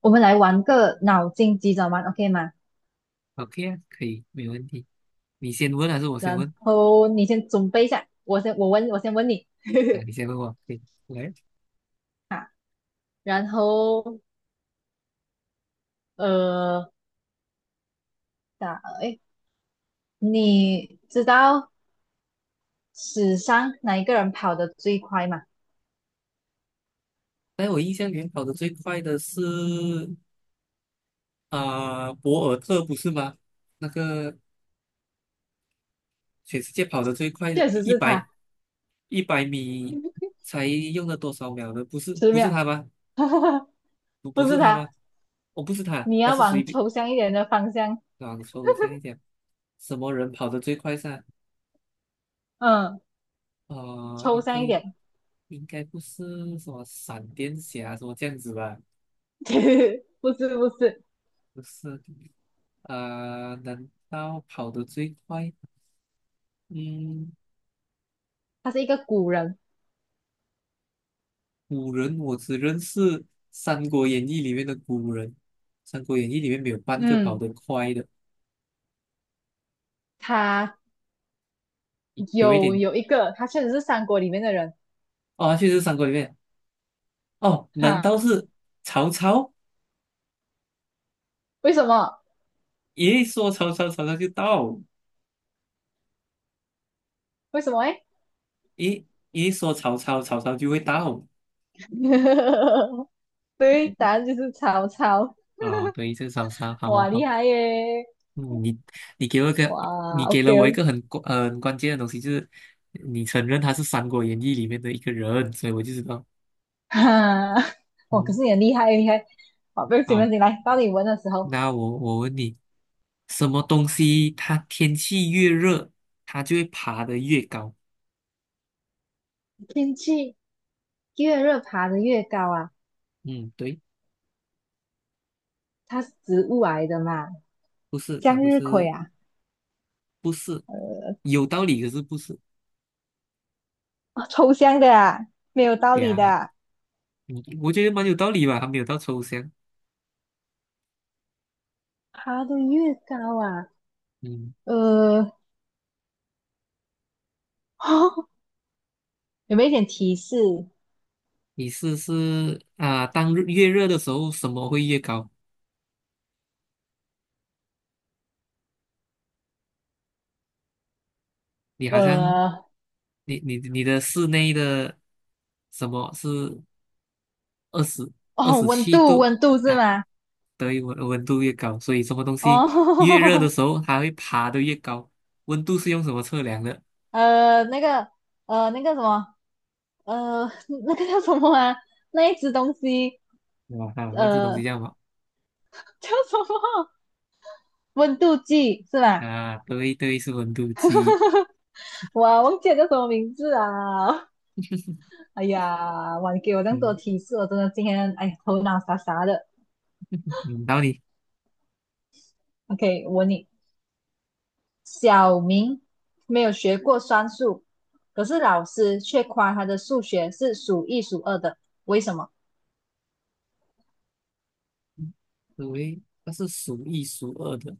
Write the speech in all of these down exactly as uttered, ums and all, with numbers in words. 我们来玩个脑筋急转弯，OK 吗？OK 啊，可以，没问题。你先问还是我先然问？后你先准备一下，我先我问我先问你 啊，你先问我，可以。来，啊，然后呃，打诶，你知道史上哪一个人跑得最快吗？在我印象里面跑得最快的是啊、博尔特不是吗？那个全世界跑得最快的，确实一是百他，一百米 才用了多少秒的？不是十不是秒，他吗？不不不是是他他，吗？哦，不是他，你他要是谁往比？抽象一点的方向，啊，说这样一点，什么人跑得最快噻？嗯，呃，抽应象一该点，应该不是什么闪电侠什么这样子吧？不是不是，不是，啊、难道跑得最快？嗯，他是一个古人，古人我只认识《三国演义》里面的古人，《三国演义》里面没有半个跑嗯，得快的，他有一有点有一个，他确实是三国里面的人。哦，确实是三国里面哦，难哈，道是曹操？为什么？一说曹操，曹操就到；为什么诶？一一说曹操，曹操就会到 对，答案就是曹操。啊、对，是曹操，好好哇，厉好，害耶！嗯，你你给我一个，哇你给了我一，OK，个很关呃很关键的东西，就是你承认他是《三国演义》里面的一个人，所以我就知道。哈，哇，可嗯，是你很厉害，厉害。好，不要紧，不要好，紧来，到你闻的时候，那我我问你，什么东西它天气越热，它就会爬得越高？天气越热爬得越高啊，嗯，对，它是植物来的嘛，不是，向它不日葵是，啊，不是，呃，有道理，可是不是抽象的啊，没有道理的呀？啊嗯，我觉得蛮有道理吧，还没有到抽象。爬得越高啊，嗯，呃，有没有一点提示？你试试啊，当日越热的时候，什么会越高？你好像，呃，你你你的室内的什么是二十二哦，十温七度，度？温度是啊吗？对，温温度越高，所以什么东西越热的哦，时 候，它会爬得越高。温度是用什么测量的？呃，那个，呃，那个什么，呃，那个叫什么啊？那一只东西，对吧？啊，那这东西呃，这样么？叫什么？温度计是吧？啊，对对，是温度计。我忘记了叫什么名字啊！哎呀，哇，你给我这么多嗯提示，我真的今天哎头脑傻傻的。嗯，到你。OK，我问你，小明没有学过算术，可是老师却夸他的数学是数一数二的，为什么？对，它是数一数二的。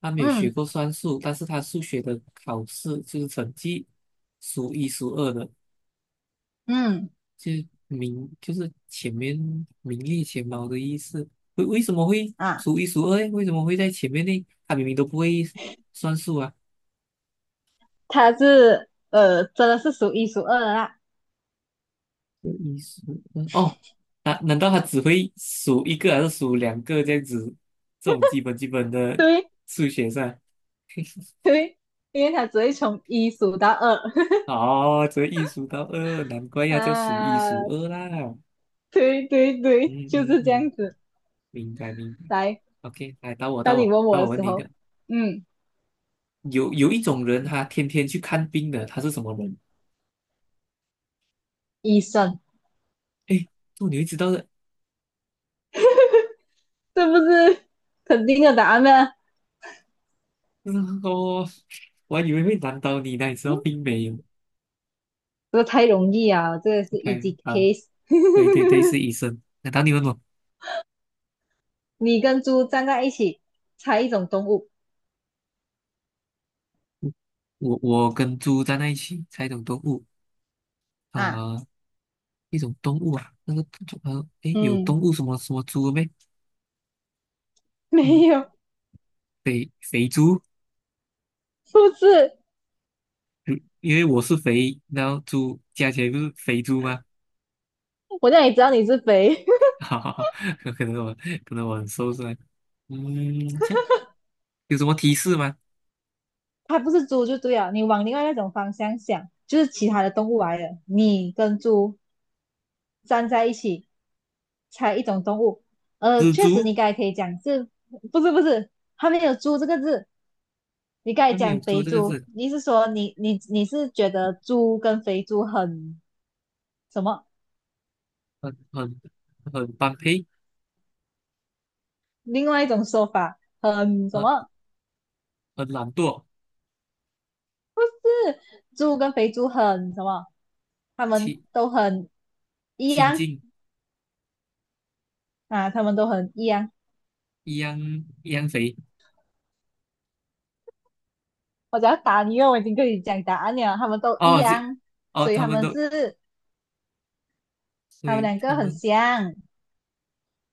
他没有学嗯过算术，但是他数学的考试就是成绩数一数二的，嗯就是名就是前面名列前茅的意思。为为什么会啊。数一数二诶？为什么会在前面呢？他明明都不会算数啊。他是呃，真的是数一数二的啦。这一数二哦，难、难道他只会数一个还是数两个这样子？这种基本基本的对数学上，对，因为他只会从一数到二 哦，这一数到二，难怪 要叫数一数啊。二啦。对对嗯对，就嗯是这嗯，样子。明白明白。来，OK，来到我到当你我问到我我的问时你一个，候，嗯，有有一种人他天天去看病的，他是什么人？医生哎，这你会知道的。这不是肯定的答案呢？嗯哦，我还以为会难倒你呢，你知道并没有。这个太容易啊，这个是 OK，easy 好，case。对对对，是医生。难道你问我？你跟猪站在一起，猜一种动物我我跟猪站在一起，猜一种动物啊？啊、呃一种动物啊，那个动呃，诶，有嗯，动物什么什么猪没？没嗯，有，肥肥猪，不是。如因为我是肥，然后猪加起来不是肥猪吗？我让你知道你是肥。哈哈哈，可能我可能我很瘦是吧？嗯，这样有什么提示吗？它不是猪就对了，你往另外那种方向想，就是其他的动物来了，你跟猪站在一起，猜一种动物。呃，蜘确实蛛，你刚才可以讲是，不是不是，它没有猪这个字。你刚才上没有讲猪肥这个猪，字，你是说你你你是觉得猪跟肥猪很什么？很很很般配，另外一种说法很什么？很很懒惰，是猪跟肥猪很什么？他们亲都很一亲样近啊，他们都很一样。一样一样肥我只要答你，因为我已经跟你讲答案了，他们都一哦，这样，哦，所以他他们们都，是所他们以两个他很们。像，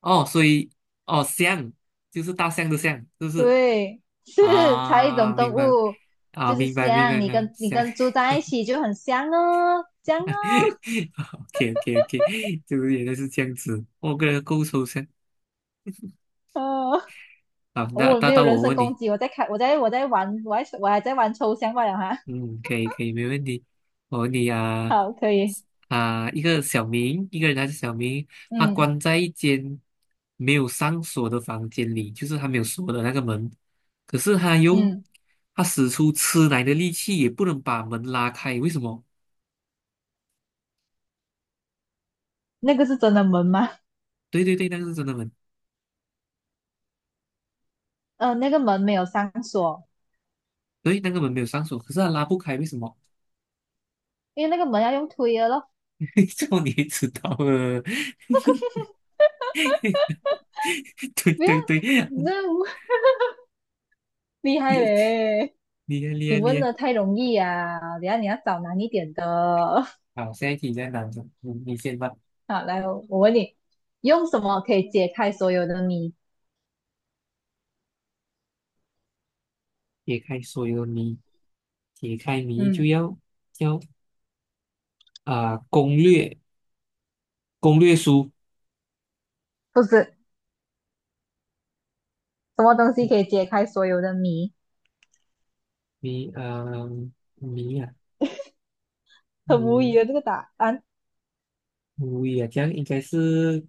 哦，所以哦，象就是大象的象，是不是？对，是猜一种啊，动明白物，啊，就是明白明白像明你白，跟你象 跟 猪在一起就很像哦，像哦，，OK OK OK，就是原来是这样子，我个人够抽象。呃，好，那我那没有到人我身问攻你。击，我在开，我在我在玩，我还我还在玩抽象罢了哈，嗯，可以可以，没问题。我问你啊好，可以，啊，一个小明，一个人还是小明，他嗯关在一间没有上锁的房间里，就是他没有锁的那个门，可是他用嗯，他使出吃奶的力气也不能把门拉开，为什么？那个是真的门吗？对对对，那个是真的门，呃，那个门没有上锁，对，那个门没有上锁，可是他拉不开，为什么？因为那个门要用推的咯，这样你也知道了，对不要，对对，你厉这样厉害嘞。害厉你害厉问害。的太容易啊，等一下你要找难一点的。好，下一题在哪？着，你你先吧，好，来，我问你，用什么可以解开所有的谜？解开所有谜。解开谜就嗯，要要啊、呃攻略攻略书不是，什么东西可以解开所有的谜？谜呃谜啊很无谜语啊，这个答案，无语啊，这样应该是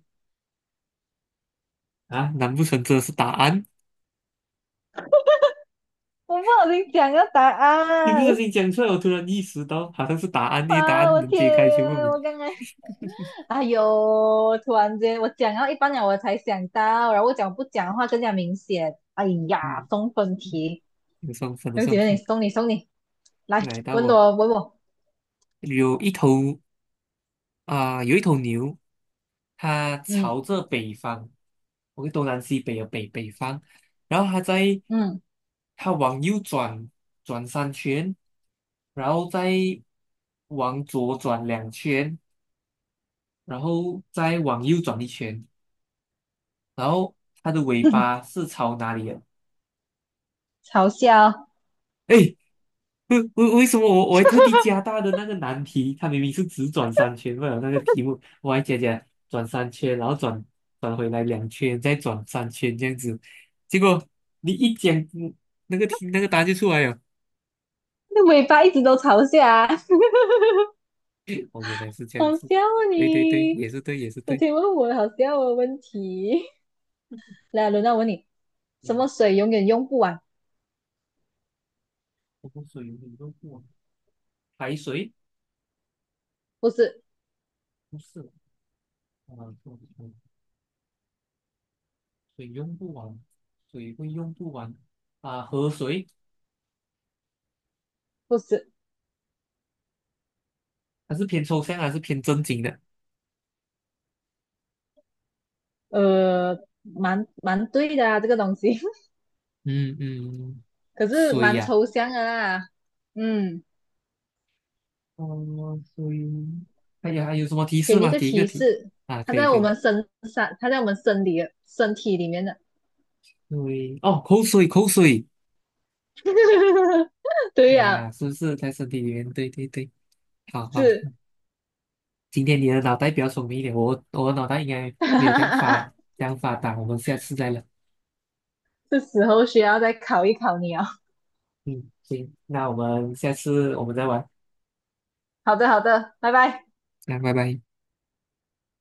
啊，难不成这是答案？我不小心讲个答一不案，小 心讲出来，我突然意识到好像是答案，因为答啊，案我能天，解开全部谜。我刚才，哎呦，突然间我讲到一半了，我才想到，然后我讲不讲的话更加明显。哎呀，嗯，送分题，有上分的有几上姐，你分。送你送你，来来到问我我问我，有一头啊、有一头牛，它嗯朝着北方我 k 东南西北的北北方，然后它在嗯，它往右转转三圈，然后再往左转两圈，然后再往右转一圈，然后它的尾巴是朝哪里的？嘲笑。哎，为为为什么我我还特地加大的那个难题？它明明是只转三圈，为了那个题目，我还加加转三圈，然后转转回来两圈，再转三圈这样子。结果你一讲，嗯那个题那个答案就出来了。那尾巴一直都朝下，哦，原来是这样好子。笑啊对对对，你！也是对，也是我对。天，问我好笑的问题。来，轮到我问你，什么嗯，水永远用不完？我不过水你用不完，排水不是，不是啊，不不水用不完，水会用不完啊。河水不是，它是偏抽象还是偏正经的？呃，蛮蛮对的啊，这个东西，嗯嗯，可是水蛮呀、抽象的啦。嗯，哦，所以，哎呀，还有什么提给示你一吗？个给一个提提示，啊，它可以在可我以。们身上，它在我们身体的身体里面的。对，哦，口水口水 对啊，呀、是不是在身体里面？对对对，好好。是，今天你的脑袋比较聪明一点，我我的脑袋应该没有这样发 这样发达。我们下次再聊。是时候需要再考一考你哦。嗯，行，那我们下次我们再玩。好的，好的，拜拜。那拜拜。